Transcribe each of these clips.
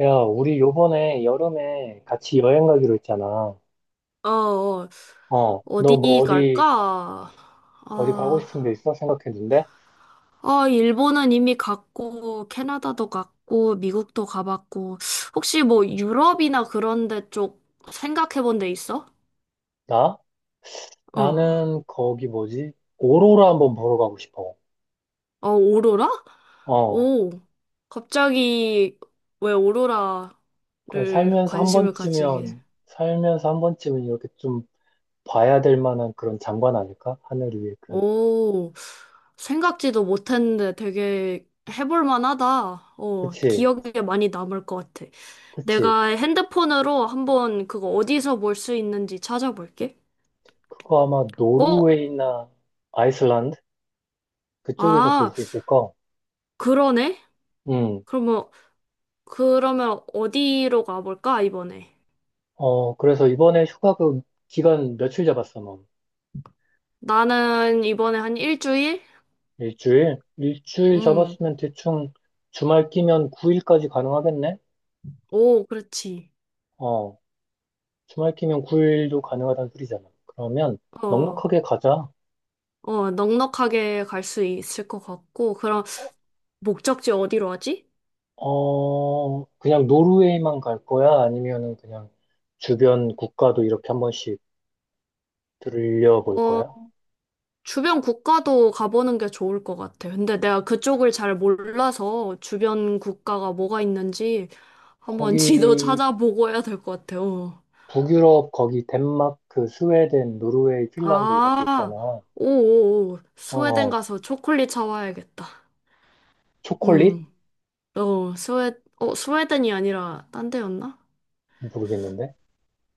야, 우리 요번에 여름에 같이 여행 가기로 했잖아. 어, 어, 너 뭐 어디 갈까? 어디 가고 싶은 데 아, 있어? 생각했는데? 아, 일본은 이미 갔고, 캐나다도 갔고, 미국도 가봤고, 혹시 뭐 유럽이나 그런 데 쪽 생각해 본 데 있어? 나? 어, 나는 거기 뭐지? 오로라 한번 보러 가고 싶어. 어, 오로라? 어, 오, 갑자기 왜 그래 오로라를 관심을 가지게? 살면서 한 번쯤은 이렇게 좀 봐야 될 만한 그런 장관 아닐까? 하늘 위에 그. 오, 생각지도 못했는데 되게 해볼 만하다. 어, 그치, 기억에 많이 남을 것 같아. 그치. 내가 핸드폰으로 한번 그거 어디서 볼 수 있는지 찾아볼게. 그거 아마 어? 노르웨이나 아이슬란드? 그쪽에서 볼 아, 수 있을 거. 그러네? 음. 그러면, 그러면 어디로 가볼까, 이번에? 그래서 이번에 휴가 그 기간 며칠 잡았어, 넌? 나는 이번에 한 일주일? 일주일? 일주일 음, 잡았으면 대충 주말 끼면 9일까지 가능하겠네? 오, 그렇지. 어, 주말 끼면 9일도 가능하다는 소리잖아. 그러면 어, 넉넉하게 가자. 어, 넉넉하게 갈 수 있을 것 같고, 그럼 목적지 어디로 하지? 그냥 노르웨이만 갈 거야? 아니면은 그냥 주변 국가도 이렇게 한 번씩 들려볼 어, 거야? 주변 국가도 가보는 게 좋을 것 같아. 근데 내가 그쪽을 잘 몰라서 주변 국가가 뭐가 있는지 한번 지도 거기, 찾아보고 해야 될 것 같아요. 북유럽, 거기 덴마크, 그 스웨덴, 노르웨이, 핀란드 이렇게 아, 있잖아. 오오오. 스웨덴 어, 가서 초콜릿 사와야겠다. 초콜릿? 음, 어, 스웨, 어, 스웨덴이 아니라 딴 데였나? 모르겠는데?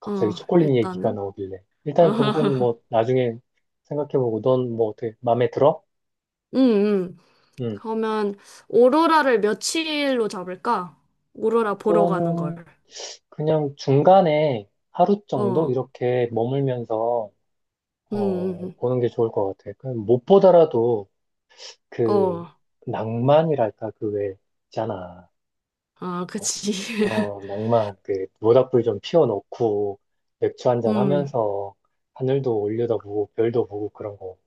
갑자기 어, 초콜릿 얘기가 일단은. 나오길래. 일단 그건 뭐 나중에 생각해보고 넌 뭐 어떻게 마음에 들어? 음, 음. 음, 그러면 오로라를 며칠로 잡을까? 오로라 보러 가는 걸. 그거는 그냥 중간에 하루 정도 어, 이렇게 머물면서 음. 보는 게 좋을 것 같아. 그냥 못 보더라도 어. 그 낭만이랄까 그 왜 있잖아. 아, 어, 그치. 낭만 그 모닥불 좀 피워놓고 맥주 한 잔 음, 하면서 하늘도 올려다보고 별도 보고 그런 거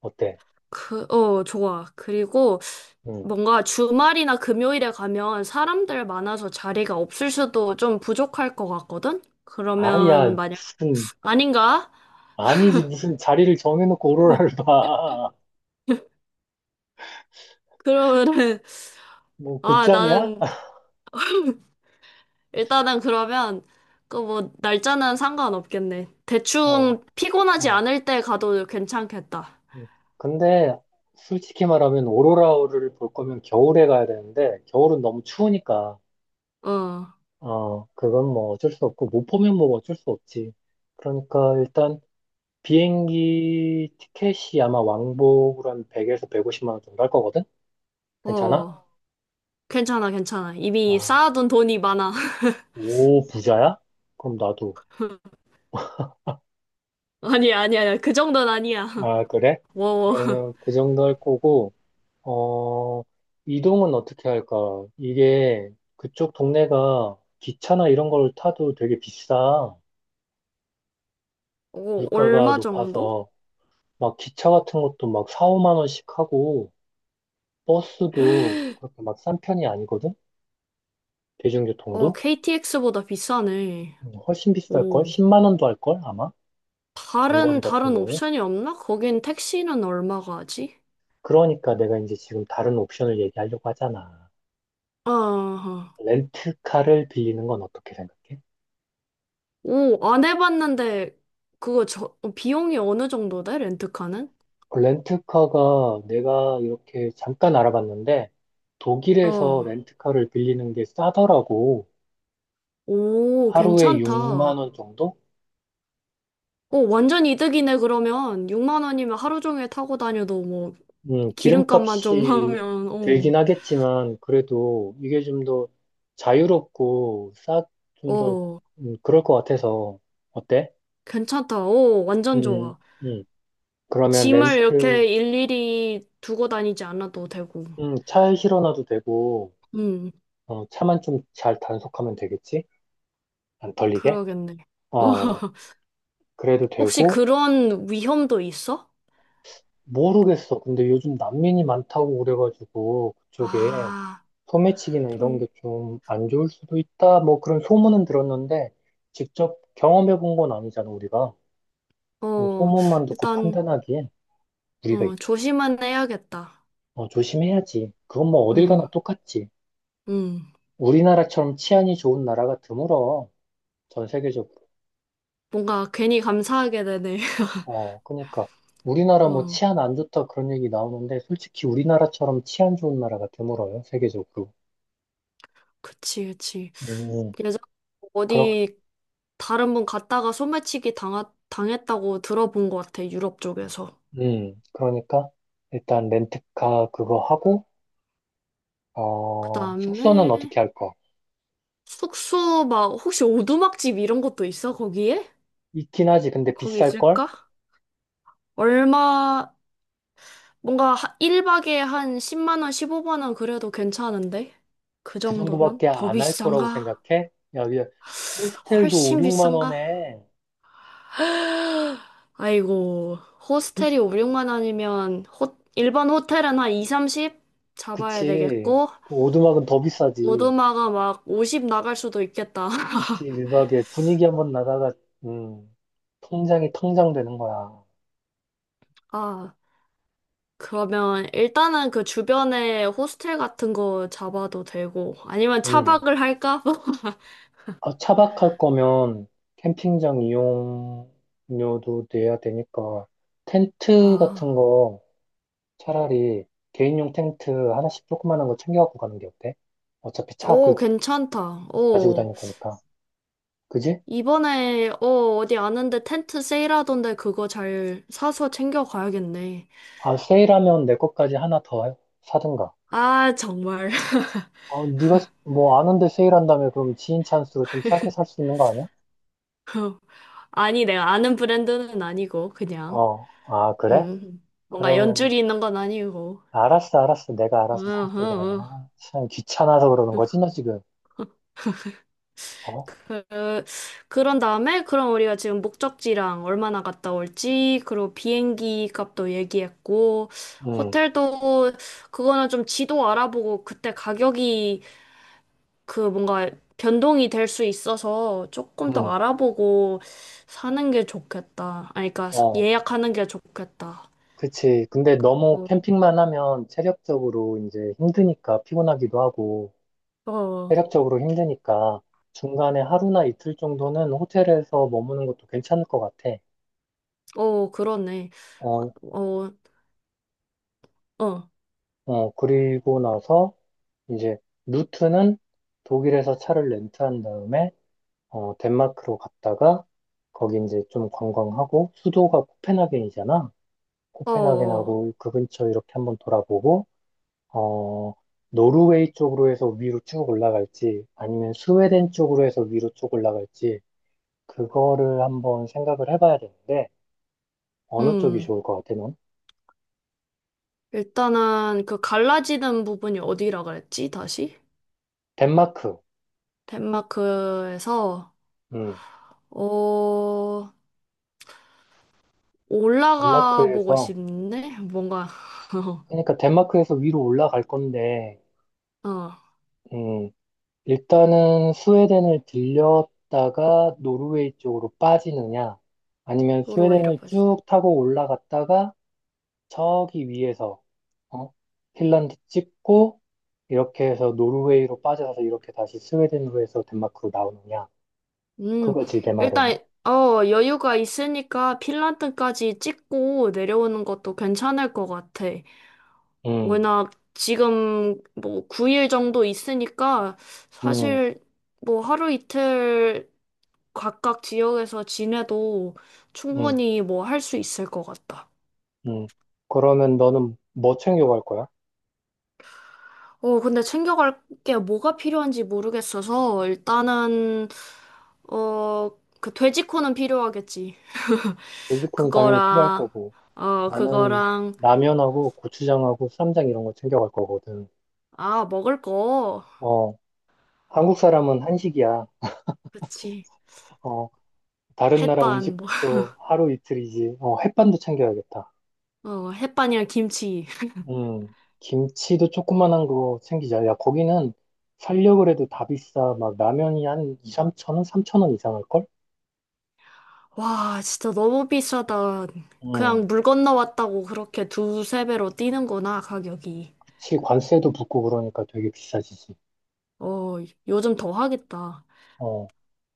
어때? 그, 어, 좋아. 그리고 음. 뭔가 주말이나 금요일에 가면 사람들 많아서 자리가 없을 수도 좀 부족할 것 같거든? 그러면 아야 만약, 무슨 아닌가? 아니지, 무슨 자리를 정해놓고 오로라를 봐. 그러면은, 뭐, 아, 극장이야? 나는, 일단은 그러면, 그 뭐, 날짜는 상관없겠네. 어, 대충 피곤하지 어. 않을 때 가도 괜찮겠다. 근데, 솔직히 말하면 오로라를 볼 거면 겨울에 가야 되는데, 겨울은 너무 추우니까, 어, 그건 뭐 어쩔 수 없고, 못 보면 뭐 어쩔 수 없지. 그러니까 일단, 비행기 티켓이 아마 왕복으로 한 100에서 150만 원 정도 할 거거든? 괜찮아? 어, 괜찮아, 괜찮아. 이미 아, 쌓아둔 돈이 많아. 오, 부자야? 그럼 나도. 아니야, 아니야, 아니야. 그 정도는 아니야. 아, 그래? 워 그러면 그 정도 할 거고, 어, 이동은 어떻게 할까? 이게 그쪽 동네가 기차나 이런 걸 타도 되게 비싸. 오, 물가가 얼마 정도? 높아서 막 기차 같은 것도 막 4, 5만 원씩 하고 버스도 그렇게 막 싼 편이 아니거든? 어, 대중교통도? KTX보다 비싸네. 훨씬 비쌀걸? 오, 10만 원도 할 걸? 아마? 장거리 다른, 같은 다른 경우? 옵션이 없나? 거긴 택시는 얼마가 하지? 그러니까 내가 이제 지금 다른 옵션을 얘기하려고 하잖아. 아, 렌트카를 빌리는 건 어떻게 생각해? 오, 안 해봤는데, 그거 저, 어, 비용이 어느 정도 돼? 렌트카는? 그 렌트카가 내가 이렇게 잠깐 알아봤는데 독일에서 어, 렌트카를 빌리는 게 싸더라고. 오, 하루에 괜찮다. 6만 원 정도? 오, 완전 이득이네, 그러면. 6만 원이면 하루 종일 타고 다녀도 뭐, 기름값만 좀 기름값이 하면, 들긴 오, 하겠지만 그래도 이게 좀 더 자유롭고 싸, 좀더 오, 그럴 것 같아서 어때? 괜찮다. 오, 완전 음, 좋아. 음. 그러면 짐을 렌트, 이렇게 일일이 두고 다니지 않아도 되고. 차에 실어놔도 되고 음, 차만 좀 잘 단속하면 되겠지? 안 털리게? 그러겠네. 어, 그래도 혹시 되고 그런 위험도 있어? 모르겠어. 근데 요즘 난민이 많다고 그래가지고 그쪽에 아, 소매치기나 이런 좀, 게 좀 안 좋을 수도 있다. 뭐 그런 소문은 들었는데 직접 경험해 본 건 아니잖아, 우리가. 어, 소문만 듣고 일단, 판단하기엔 우리가 어, 있지. 조심은 해야겠다. 조심해야지. 그건 뭐 어딜 가나 음, 똑같지. 음. 우리나라처럼 치안이 좋은 나라가 드물어. 전 세계적으로. 뭔가 괜히 감사하게 되네. 그러니까 우리나라 뭐 어, 치안 안 좋다 그런 얘기 나오는데 솔직히 우리나라처럼 치안 좋은 나라가 드물어요, 세계적으로. 그치, 그치. 음. 예전 어디 다른 분 갔다가 당했다고 들어본 것 같아, 유럽 쪽에서. 그러니까 일단 렌트카 그거 하고 그 숙소는 다음에, 어떻게 할 거? 숙소 막 혹시 오두막집 이런 것도 있어? 거기에? 있긴 하지. 근데 거기 비쌀 걸? 있을까? 얼마 뭔가 1박에 한 10만 원, 15만 원 그래도 괜찮은데? 그 그 정도면? 정도밖에 더 안 할 거라고 비싼가? 생각해? 야, 야, 호스텔도 5, 훨씬 6만 비싼가? 원에. 아이고, 호스텔이 5, 6만 원이면 호, 일반 호텔은 한 2, 30 잡아야 그치. 되겠고 그 오두막은 더 비싸지. 오두막아 막 50 나갈 수도 있겠다. 그치. 유박에 분위기 한번 나다가 음, 통장이 텅장 되는 거야. 아, 그러면 일단은 그 주변에 호스텔 같은 거 잡아도 되고, 아니면 음. 차박을 할까? 아, 차박할 거면 캠핑장 이용료도 내야 되니까 텐트 같은 아, 거 차라리 개인용 텐트 하나씩 조그만한 거 챙겨갖고 가는 게 어때? 어차피 차 오, 괜찮다. 가지고 오, 다닐 거니까. 그지? 이번에, 어, 어디 아는데 텐트 세일하던데 그거 잘 사서 챙겨가야겠네. 아, 세일하면 내 것까지 하나 더 사든가. 아, 정말. 네가 뭐 아는데 세일한다며 그럼 지인 찬스로 좀 싸게 살 수 있는 거 아니야? 아니, 내가 아는 브랜드는 아니고, 그냥. 어, 아, 그래? 뭔가 그러면 연줄이 있는 건 아니고. 알았어, 알았어. 내가 응, 알아서 응, 살게 그러면. 응. 아, 참 귀찮아서 그러는 거지, 너 지금. 어? 그, 그런 다음에 그럼 우리가 지금 목적지랑 얼마나 갔다 올지, 그리고 비행기 값도 얘기했고, 응, 호텔도 그거는 좀 지도 알아보고 그때 가격이 그 뭔가 변동이 될 수 있어서 조금 더 응, 알아보고 사는 게 좋겠다. 아니, 그러니까 어. 예약하는 게 좋겠다. 그치. 근데 너무 어, 캠핑만 하면 체력적으로 이제 힘드니까 피곤하기도 하고 어, 체력적으로 힘드니까 중간에 하루나 이틀 정도는 호텔에서 머무는 것도 괜찮을 것 같아. 어, 그러네. 어, 어, 어, 그리고 나서 이제 루트는 독일에서 차를 렌트한 다음에 덴마크로 갔다가 거기 이제 좀 관광하고 수도가 코펜하겐이잖아. 어, 어. 코펜하겐하고 그 근처 이렇게 한번 돌아보고 어, 노르웨이 쪽으로 해서 위로 쭉 올라갈지 아니면 스웨덴 쪽으로 해서 위로 쭉 올라갈지 그거를 한번 생각을 해봐야 되는데 어느 쪽이 음. 좋을 것 같아, 넌? 일단은 그 갈라지는 부분이 어디라 그랬지, 다시? 덴마크. 덴마크에서, 음, 어, 올라가 보고 덴마크에서, 싶네? 뭔가, 그러니까 덴마크에서 위로 올라갈 건데, 어, 음, 일단은 스웨덴을 들렸다가 노르웨이 쪽으로 빠지느냐, 아니면 도로 이래 스웨덴을 빠 쭉 타고 올라갔다가 저기 위에서, 어? 핀란드 찍고, 이렇게 해서 노르웨이로 빠져서 이렇게 다시 스웨덴으로 해서 덴마크로 나오느냐. 음, 그거지, 내 말은. 일단, 어, 여유가 있으니까 핀란드까지 찍고 내려오는 것도 괜찮을 것 같아. 음, 워낙 지금 뭐 9일 정도 있으니까 음, 사실 뭐 하루 이틀 각각 지역에서 지내도 음, 충분히 뭐 할 수 있을 것 같다. 음. 그러면 너는 뭐 챙겨갈 거야? 어, 근데 챙겨갈 게 뭐가 필요한지 모르겠어서, 일단은, 어, 그 돼지코는 필요하겠지. 돼지코는 당연히 필요할 그거랑, 거고, 어, 나는 그거랑, 라면하고 고추장하고 쌈장 이런 거 챙겨갈 거거든. 아, 먹을 거. 어, 한국 사람은 한식이야. 그렇지. 어, 다른 나라 햇반, 뭐. 음식도 하루 이틀이지. 햇반도 챙겨야겠다. 어, 햇반이랑 김치. 음, 김치도 조그만한 거 챙기자. 야, 거기는 살려고 해도 다 비싸. 막 라면이 한 2, 3천 원, 3천 원 이상할걸? 와, 진짜 너무 비싸다. 음, 그냥 물 건너 왔다고 그렇게 두세 배로 뛰는구나, 가격이. 그치. 관세도 붙고 그러니까 되게 비싸지지. 어, 요즘 더 하겠다. 어,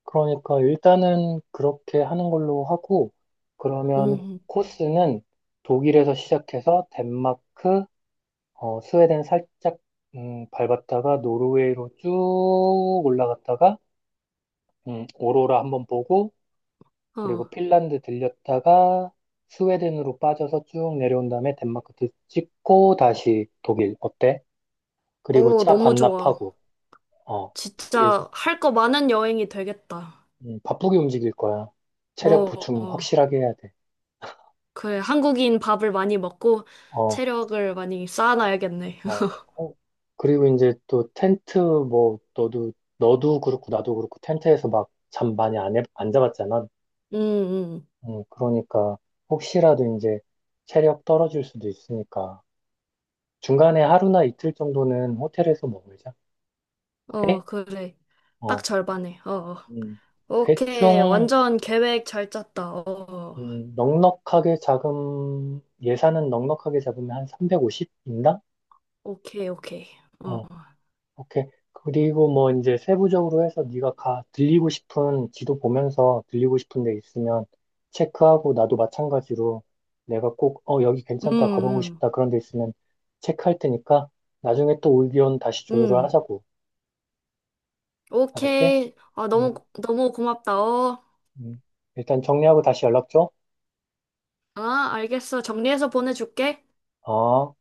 그러니까 일단은 그렇게 하는 걸로 하고, 그러면 음, 코스는 독일에서 시작해서 덴마크, 스웨덴 살짝 밟았다가 노르웨이로 쭉 올라갔다가 오로라 한번 보고, 어. 그리고 핀란드 들렸다가 스웨덴으로 빠져서 쭉 내려온 다음에 덴마크 찍고 다시 독일 어때? 그리고 어, 차 너무 좋아. 반납하고, 어, 그리고 진짜 할 거 많은 여행이 되겠다. 바쁘게 움직일 거야. 어, 체력 보충 어. 확실하게 해야 돼. 그래. 한국인 밥을 많이 먹고 어. 체력을 많이 쌓아놔야겠네. 어, 어, 그리고 이제 또 텐트 뭐 너도 그렇고 나도 그렇고 텐트에서 막 잠 많이 안 잡았잖아. 음, 그러니까 혹시라도 이제 체력 떨어질 수도 있으니까 중간에 하루나 이틀 정도는 호텔에서 먹으자. 오케이? 어, 그래. 딱 어, 절반에. 어, 어. 음, 오케이. 대충 완전 계획 잘 짰다. 어, 어. 넉넉하게 잡음 예산은 넉넉하게 잡으면 한 350인당? 오케이, 오케이. 어, 오케이. 그리고 뭐 이제 세부적으로 해서 네가 가 들리고 싶은 지도 보면서 들리고 싶은 데 있으면 체크하고 나도 마찬가지로 내가 꼭 여기 음, 괜찮다 가보고 음, 싶다 그런 데 있으면 체크할 테니까 나중에 또 의견 다시 조율을 음. 하자고. 알았지? 오케이. 아, 너무, 음, 너무 고맙다. 어, 음. 일단 정리하고 다시 연락 줘. 아, 알겠어. 정리해서 보내줄게. 어.